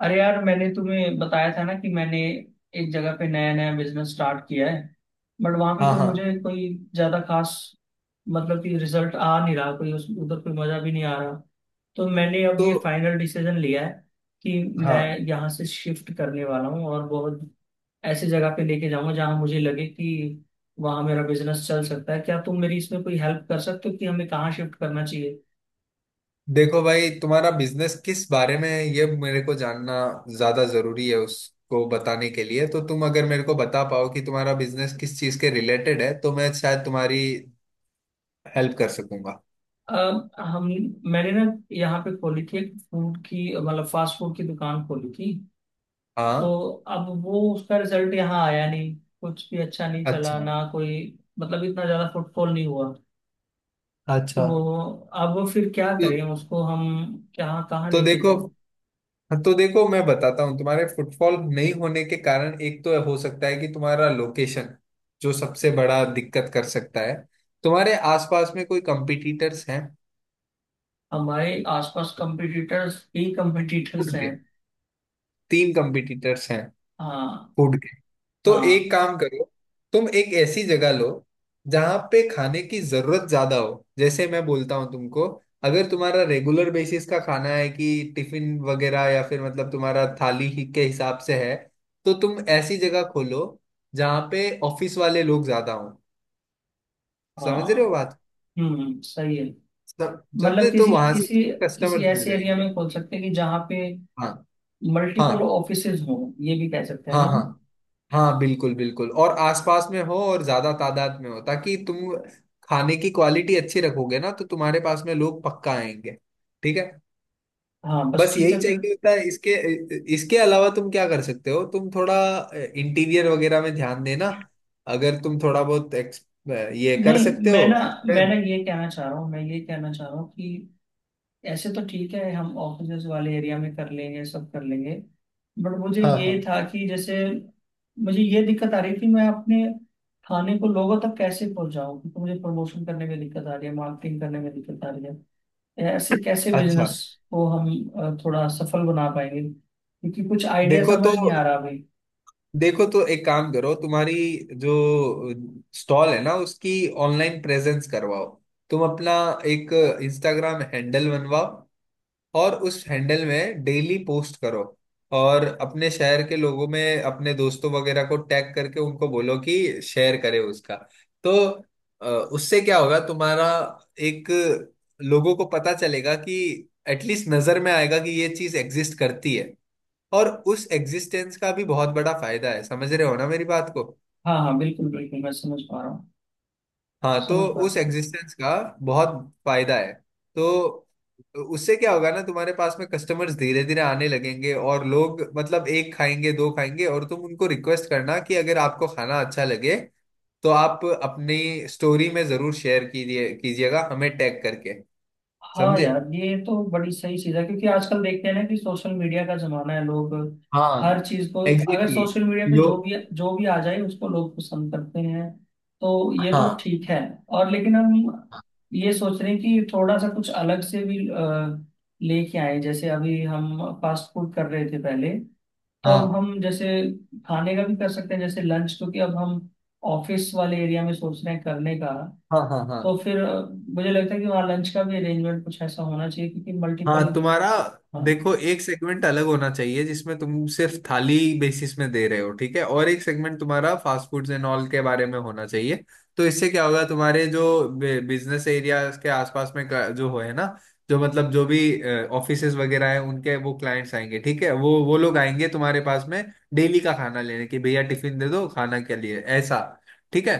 अरे यार, मैंने तुम्हें बताया था ना कि मैंने एक जगह पे नया नया बिजनेस स्टार्ट किया है। बट वहां पे हाँ कोई मुझे हाँ। कोई ज्यादा खास, मतलब कि रिजल्ट आ नहीं रहा कोई, उस उधर कोई मजा भी नहीं आ रहा। तो मैंने अब तो ये फाइनल डिसीजन लिया है कि मैं हाँ, यहाँ से शिफ्ट करने वाला हूँ, और बहुत ऐसी जगह पे लेके जाऊंगा जहाँ मुझे लगे कि वहाँ मेरा बिजनेस चल सकता है। क्या तुम मेरी इसमें कोई हेल्प कर सकते हो कि हमें कहाँ शिफ्ट करना? देखो भाई, तुम्हारा बिजनेस किस बारे में है ये मेरे को जानना ज्यादा जरूरी है उसको बताने के लिए। तो तुम अगर मेरे को बता पाओ कि तुम्हारा बिजनेस किस चीज के रिलेटेड है तो मैं शायद तुम्हारी हेल्प कर सकूंगा। अब हम मैंने ना यहाँ पे खोली थी एक फूड की, मतलब फास्ट फूड की दुकान खोली थी। हाँ। तो अब वो उसका रिजल्ट यहाँ आया नहीं, कुछ भी अच्छा नहीं चला अच्छा। ना कोई, मतलब इतना ज्यादा फुटफॉल नहीं हुआ। अच्छा। तो अब फिर क्या तो, करें उसको हम, क्या कहाँ तो लेके देखो जाएं? तो देखो, मैं बताता हूँ तुम्हारे फुटफॉल नहीं होने के कारण एक तो हो सकता है कि तुम्हारा लोकेशन जो सबसे बड़ा दिक्कत कर सकता है। तुम्हारे आसपास में कोई कंपिटिटर्स हैं? हमारे आसपास कंपटीटर्स ही कंपटीटर्स हैं। तीन कंपिटिटर्स हैं हाँ, फूड के। तो हाँ, एक काम करो, तुम एक ऐसी जगह लो जहां पे खाने की जरूरत ज्यादा हो। जैसे मैं बोलता हूँ तुमको, अगर तुम्हारा रेगुलर बेसिस का खाना है कि टिफिन वगैरह, या फिर मतलब तुम्हारा थाली ही के हिसाब से है, तो तुम ऐसी जगह खोलो जहाँ पे ऑफिस वाले लोग ज्यादा हो। समझ रहे हाँ। हो बात? हम्म, सही है। समझे मतलब तो किसी वहां से किसी किसी कस्टमर्स मिल ऐसे एरिया जाएंगे। में खोल सकते हैं कि जहाँ पे हाँ मल्टीपल हाँ ऑफिसेज हो, ये भी कह सकते हैं हाँ ना हम। हाँ हाँ। बिल्कुल बिल्कुल, और आसपास में हो और ज्यादा तादाद में हो ताकि तुम खाने की क्वालिटी अच्छी रखोगे ना तो तुम्हारे पास में लोग पक्का आएंगे। ठीक है। हाँ, बस बस ठीक यही है फिर। चाहिए होता है। इसके इसके अलावा तुम क्या कर सकते हो, तुम थोड़ा इंटीरियर वगैरह में ध्यान देना। अगर तुम थोड़ा बहुत ये कर नहीं, सकते हो। मैं ना मैं ना ये कहना चाह रहा हूँ मैं ये कहना चाह रहा हूँ कि ऐसे तो ठीक है, हम ऑफिसेज वाले एरिया में कर लेंगे, सब कर लेंगे। बट मुझे हाँ ये हाँ। था कि जैसे मुझे ये दिक्कत आ रही थी, मैं अपने खाने को लोगों तक कैसे पहुंचाऊं, क्योंकि मुझे प्रमोशन करने में दिक्कत आ रही है, मार्केटिंग करने में दिक्कत आ रही है। ऐसे कैसे अच्छा। बिजनेस को हम थोड़ा सफल बना पाएंगे, क्योंकि कुछ आइडिया देखो तो समझ नहीं आ रहा अभी। देखो तो एक काम करो, तुम्हारी जो स्टॉल है ना उसकी ऑनलाइन प्रेजेंस करवाओ। तुम अपना एक इंस्टाग्राम हैंडल बनवाओ और उस हैंडल में डेली पोस्ट करो। और अपने शहर के लोगों में अपने दोस्तों वगैरह को टैग करके उनको बोलो कि शेयर करे उसका। तो उससे क्या होगा, तुम्हारा एक, लोगों को पता चलेगा कि एटलीस्ट नजर में आएगा कि ये चीज एग्जिस्ट करती है। और उस एग्जिस्टेंस का भी बहुत बड़ा फायदा है। समझ रहे हो ना मेरी बात को? हाँ, हाँ, बिल्कुल बिल्कुल, मैं समझ पा रहा हूँ, हाँ। तो समझ पा रहा उस हूँ। एग्जिस्टेंस का बहुत फायदा है। तो उससे क्या होगा ना, तुम्हारे पास में कस्टमर्स धीरे धीरे आने लगेंगे और लोग मतलब एक खाएंगे दो खाएंगे। और तुम उनको रिक्वेस्ट करना कि अगर आपको खाना अच्छा लगे तो आप अपनी स्टोरी में जरूर शेयर कीजिए, कीजिएगा हमें टैग करके। हाँ समझे? यार, ये तो बड़ी सही चीज़ है, क्योंकि आजकल देखते हैं ना कि सोशल मीडिया का जमाना है, लोग हाँ हर चीज़ को, अगर एग्जैक्टली सोशल मीडिया पे लोग। जो भी आ जाए उसको लोग पसंद करते हैं। तो ये तो हाँ ठीक है। और लेकिन हम ये सोच रहे हैं कि थोड़ा सा कुछ अलग से भी लेके आए। जैसे अभी हम फास्ट फूड कर रहे थे पहले, तो अब हाँ हम जैसे खाने का भी कर सकते हैं, जैसे लंच, क्योंकि अब हम ऑफिस वाले एरिया में सोच रहे हैं करने का। हाँ हाँ हाँ तो हाँ फिर मुझे लगता है कि वहाँ लंच का भी अरेंजमेंट कुछ ऐसा होना चाहिए, क्योंकि हाँ। मल्टीपल। तुम्हारा हाँ, देखो, एक सेगमेंट अलग होना चाहिए जिसमें तुम सिर्फ थाली बेसिस में दे रहे हो, ठीक है, और एक सेगमेंट तुम्हारा फास्ट फूड्स एंड ऑल के बारे में होना चाहिए। तो इससे क्या होगा, तुम्हारे जो बिजनेस एरिया के आसपास में जो है ना, जो मतलब जो भी ऑफिसेज वगैरह हैं उनके वो क्लाइंट्स आएंगे। ठीक है, वो लोग आएंगे तुम्हारे पास में डेली का खाना लेने कि भैया टिफिन दे दो खाना के लिए, ऐसा। ठीक है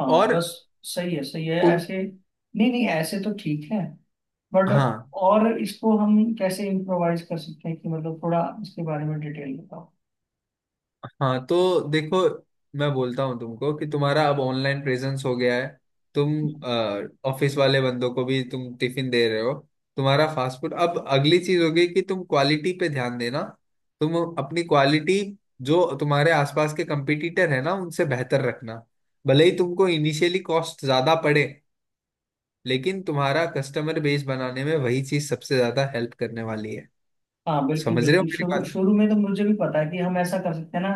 हाँ, और बस सही है, सही है उन। ऐसे। नहीं नहीं, ऐसे तो ठीक है। बट हाँ और इसको हम कैसे इम्प्रोवाइज कर सकते हैं कि, मतलब थोड़ा इसके बारे में डिटेल बताओ। हाँ। तो देखो, मैं बोलता हूँ तुमको कि तुम्हारा अब ऑनलाइन प्रेजेंस हो गया है, तुम ऑफिस वाले बंदों को भी तुम टिफिन दे रहे हो, तुम्हारा फास्ट फूड। अब अगली चीज होगी कि तुम क्वालिटी पे ध्यान देना। तुम अपनी क्वालिटी जो तुम्हारे आसपास के कंपटीटर है ना उनसे बेहतर रखना। भले ही तुमको इनिशियली कॉस्ट ज्यादा पड़े, लेकिन तुम्हारा कस्टमर बेस बनाने में वही चीज सबसे ज्यादा हेल्प करने वाली है। हाँ बिल्कुल समझ रहे हो बिल्कुल, मेरी शुरू बात? शुरू में तो मुझे भी पता है कि हम ऐसा कर सकते हैं ना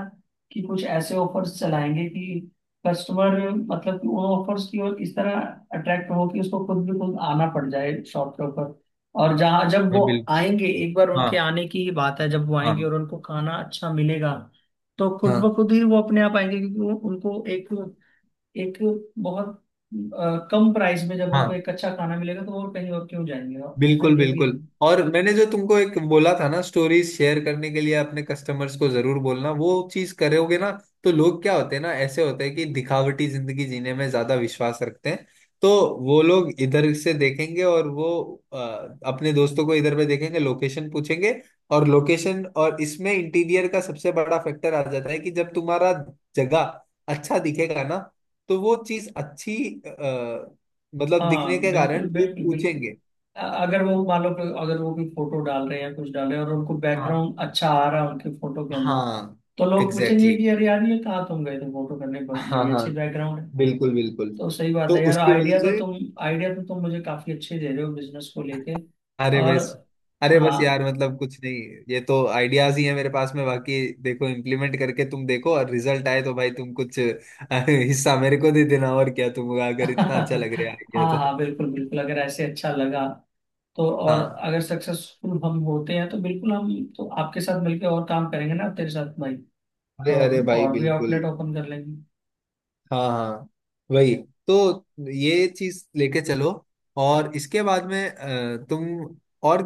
कि कुछ ऐसे ऑफर्स चलाएंगे कि कस्टमर, मतलब कि उन ऑफर्स की ओर इस तरह अट्रैक्ट हो कि उसको खुद भी खुद आना पड़ जाए शॉप के ऊपर। और जहाँ जब हाँ वो बिल्कुल। आएंगे एक बार, हाँ उनके आने की ही बात है, जब वो हाँ आएंगे और उनको खाना अच्छा मिलेगा, तो खुद ब हाँ खुद ही वो अपने आप आएंगे। क्योंकि उनको एक एक बहुत कम प्राइस में जब उनको हाँ। एक अच्छा खाना मिलेगा तो वो कहीं और क्यों जाएंगे। है ना, बिल्कुल ये भी है। बिल्कुल, और मैंने जो तुमको एक बोला था ना स्टोरीज शेयर करने के लिए अपने कस्टमर्स को जरूर बोलना, वो चीज करोगे ना? तो लोग क्या होते हैं ना, ऐसे होते हैं कि दिखावटी जिंदगी जीने में ज्यादा विश्वास रखते हैं। तो वो लोग इधर से देखेंगे और वो अ, अपने दोस्तों को इधर पे देखेंगे, लोकेशन पूछेंगे। और लोकेशन, और इसमें इंटीरियर का सबसे बड़ा फैक्टर आ जाता है कि जब तुम्हारा जगह अच्छा दिखेगा ना, तो वो चीज अच्छी अ, मतलब दिखने हाँ के कारण बिल्कुल लोग बिल्कुल बिल्कुल। पूछेंगे। अगर वो मान लो कि अगर वो कोई फोटो डाल रहे हैं, कुछ डाल रहे हैं और उनको बैकग्राउंड अच्छा आ रहा है उनके फोटो के अंदर, हाँ तो लोग एग्जैक्टली पूछेंगे exactly। कि यार यार ये कहाँ तुम गए थे फोटो करने, हाँ बड़ी हाँ अच्छी बैकग्राउंड है। बिल्कुल बिल्कुल। तो सही बात तो है यार, उसकी वजह से। आइडिया तो तुम मुझे काफी अच्छे दे रहे हो बिजनेस को लेके। अरे और बस। अरे बस यार, हाँ मतलब कुछ नहीं, ये तो आइडियाज ही है मेरे पास में। बाकी देखो, इम्प्लीमेंट करके तुम देखो, और रिजल्ट आए तो भाई तुम कुछ हिस्सा मेरे को दे देना। और क्या, तुम अगर इतना अच्छा लग रहा है आइडिया हाँ, तो। हाँ, बिल्कुल बिल्कुल, अगर ऐसे अच्छा लगा तो, और हाँ। अगर सक्सेसफुल हम होते हैं तो बिल्कुल हम, तो आपके साथ मिलकर और काम करेंगे ना, तेरे साथ भाई। अरे तो अरे हम भाई और भी बिल्कुल। आउटलेट ओपन कर लेंगे। हाँ हाँ। वही। तो ये चीज लेके चलो, और इसके बाद में तुम और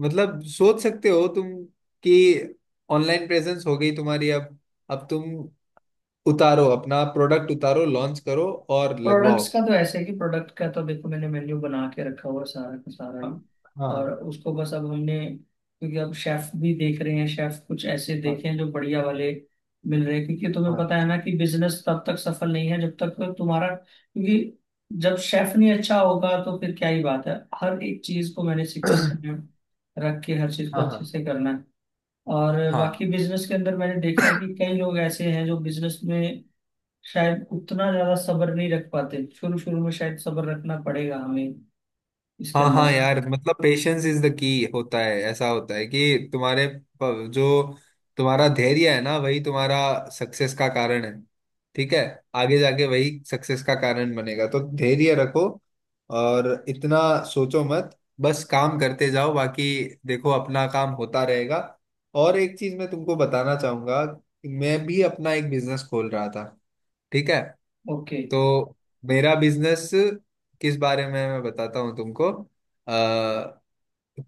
मतलब सोच सकते हो तुम कि ऑनलाइन प्रेजेंस हो गई तुम्हारी। अब तुम उतारो अपना प्रोडक्ट, उतारो लॉन्च करो और लगवाओ। प्रोडक्ट्स का तो ऐसे है कि प्रोडक्ट का तो देखो, मैंने मेन्यू बना के रखा हुआ है सारा का सारा हाँ ही। और हाँ उसको बस अब हमने, क्योंकि अब शेफ भी देख रहे हैं, शेफ कुछ ऐसे हाँ देखे हैं जो बढ़िया वाले मिल रहे हैं, क्योंकि तुम्हें पता हाँ है ना कि बिजनेस तब तक सफल नहीं है जब तक तुम्हारा, क्योंकि जब शेफ नहीं अच्छा होगा तो फिर क्या ही बात है। हर एक चीज को मैंने सीक्वेंस में रख के हर चीज को हाँ हाँ अच्छे हाँ। से करना है। और हाँ। बाकी बिजनेस के अंदर मैंने देखा है कि कई लोग ऐसे हैं जो बिजनेस में शायद उतना ज्यादा सब्र नहीं रख पाते, शुरू शुरू में शायद सब्र रखना पड़ेगा हमें इसके हाँ अंदर हाँ ना। यार, मतलब पेशेंस इज द की होता है। ऐसा होता है कि तुम्हारे जो तुम्हारा धैर्य है ना वही तुम्हारा सक्सेस का कारण है। ठीक है, आगे जाके वही सक्सेस का कारण बनेगा। तो धैर्य रखो, और इतना सोचो मत, बस काम करते जाओ, बाकी देखो अपना काम होता रहेगा। और एक चीज मैं तुमको बताना चाहूंगा, मैं भी अपना एक बिजनेस खोल रहा था, ठीक है। ओके। तो मेरा बिजनेस किस बारे में है मैं बताता हूँ तुमको।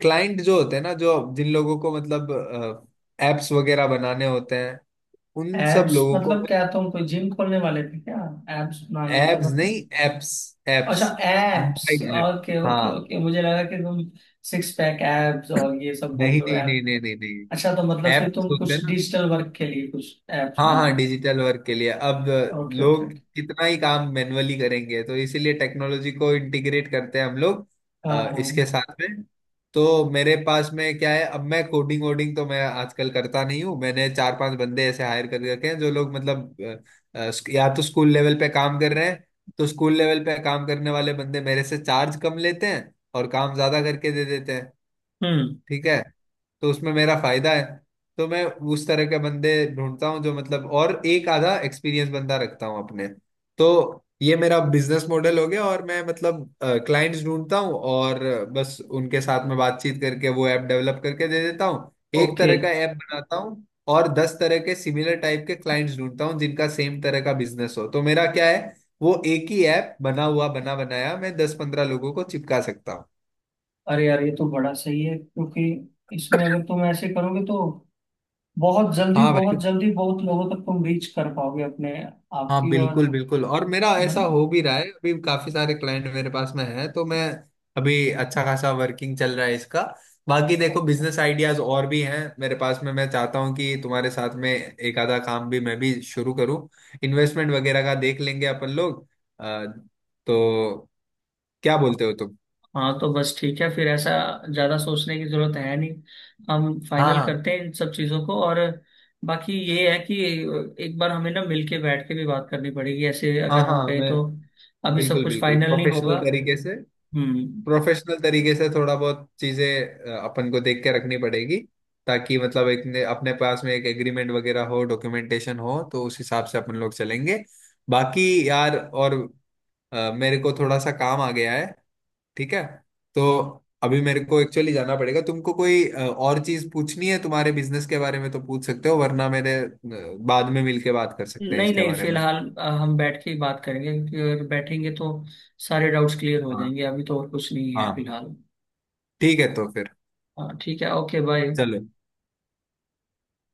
क्लाइंट जो होते हैं ना, जो जिन लोगों को मतलब एप्स वगैरह बनाने होते हैं उन सब एब्स लोगों को। मतलब क्या, तुम कोई जिम खोलने वाले थे क्या? एब्स बनाने थे एप्स नहीं, मतलब? एप्स। अच्छा, apps. Abs, mobile app. Okay, okay, हाँ। ओके। मुझे लगा कि तुम सिक्स पैक एब्स और ये सब बोल नहीं रहे हो, नहीं ऐप। नहीं नहीं नहीं नहीं। अच्छा, तो मतलब फिर ऐप्स तुम होते हैं कुछ ना। डिजिटल वर्क के लिए कुछ एप्स हाँ हाँ बनाने। डिजिटल वर्क के लिए। अब ओके, ओके, ओके। लोग कितना ही काम मैन्युअली करेंगे, तो इसीलिए टेक्नोलॉजी को इंटीग्रेट करते हैं हम लोग हाँ, हाँ। इसके साथ में। तो मेरे पास में क्या है, अब मैं कोडिंग वोडिंग तो मैं आजकल करता नहीं हूँ। मैंने चार पांच बंदे ऐसे हायर कर रखे हैं जो लोग मतलब या तो स्कूल लेवल पे काम कर रहे हैं। तो स्कूल लेवल पे काम करने वाले बंदे मेरे से चार्ज कम लेते हैं और काम ज्यादा करके दे देते हैं। हम्म। ठीक है, तो उसमें मेरा फायदा है। तो मैं उस तरह के बंदे ढूंढता हूँ जो मतलब, और एक आधा एक्सपीरियंस बंदा रखता हूँ अपने। तो ये मेरा बिजनेस मॉडल हो गया, और मैं मतलब क्लाइंट्स ढूंढता हूँ और बस उनके साथ में बातचीत करके वो ऐप डेवलप करके दे देता हूँ। एक ओके। तरह का ऐप बनाता हूँ और दस तरह के सिमिलर टाइप के क्लाइंट्स ढूंढता हूँ जिनका सेम तरह का बिजनेस हो, तो मेरा क्या है, वो एक ही ऐप बना हुआ बना बनाया मैं 10-15 लोगों को चिपका सकता हूँ। अरे यार, ये तो बड़ा सही है, क्योंकि इसमें अगर तुम ऐसे करोगे तो बहुत जल्दी हाँ भाई। बहुत जल्दी बहुत लोगों तक तुम रीच कर पाओगे अपने आप हाँ की और, बिल्कुल बिल्कुल, और मेरा है ऐसा हो भी रहा है, अभी काफी सारे क्लाइंट मेरे पास में है तो मैं अभी अच्छा खासा वर्किंग चल रहा है इसका। बाकी देखो, ना। बिजनेस आइडियाज और भी हैं मेरे पास में, मैं चाहता हूँ कि तुम्हारे साथ में एक आधा काम भी मैं भी शुरू करूँ। इन्वेस्टमेंट वगैरह का देख लेंगे अपन लोग। अ, तो क्या बोलते हो तुम? हाँ तो बस ठीक है फिर, ऐसा ज्यादा सोचने की जरूरत है नहीं। हम हाँ फाइनल हाँ करते हैं इन सब चीजों को। और बाकी ये है कि एक बार हमें ना मिलके बैठ के भी बात करनी पड़ेगी, ऐसे हाँ अगर हम हाँ कहें मैं तो अभी सब बिल्कुल कुछ बिल्कुल। फाइनल नहीं होगा। प्रोफेशनल तरीके से, हम्म। प्रोफेशनल तरीके से थोड़ा बहुत चीजें अपन को देख के रखनी पड़ेगी। ताकि मतलब एक अपने पास में एक एग्रीमेंट वगैरह हो, डॉक्यूमेंटेशन हो, तो उस हिसाब से अपन लोग चलेंगे। बाकी यार, और मेरे को थोड़ा सा काम आ गया है, ठीक है। तो अभी मेरे को एक्चुअली जाना पड़ेगा। तुमको कोई और चीज पूछनी है तुम्हारे बिजनेस के बारे में तो पूछ सकते हो, वरना मेरे बाद में मिलके बात कर सकते हैं नहीं इसके नहीं, बारे में। फिलहाल हम बैठ के ही बात करेंगे, क्योंकि अगर बैठेंगे तो सारे डाउट्स क्लियर हो हाँ जाएंगे। अभी तो और कुछ नहीं है हाँ। फिलहाल। ठीक है तो फिर हाँ ठीक है, ओके, बाय। चलो।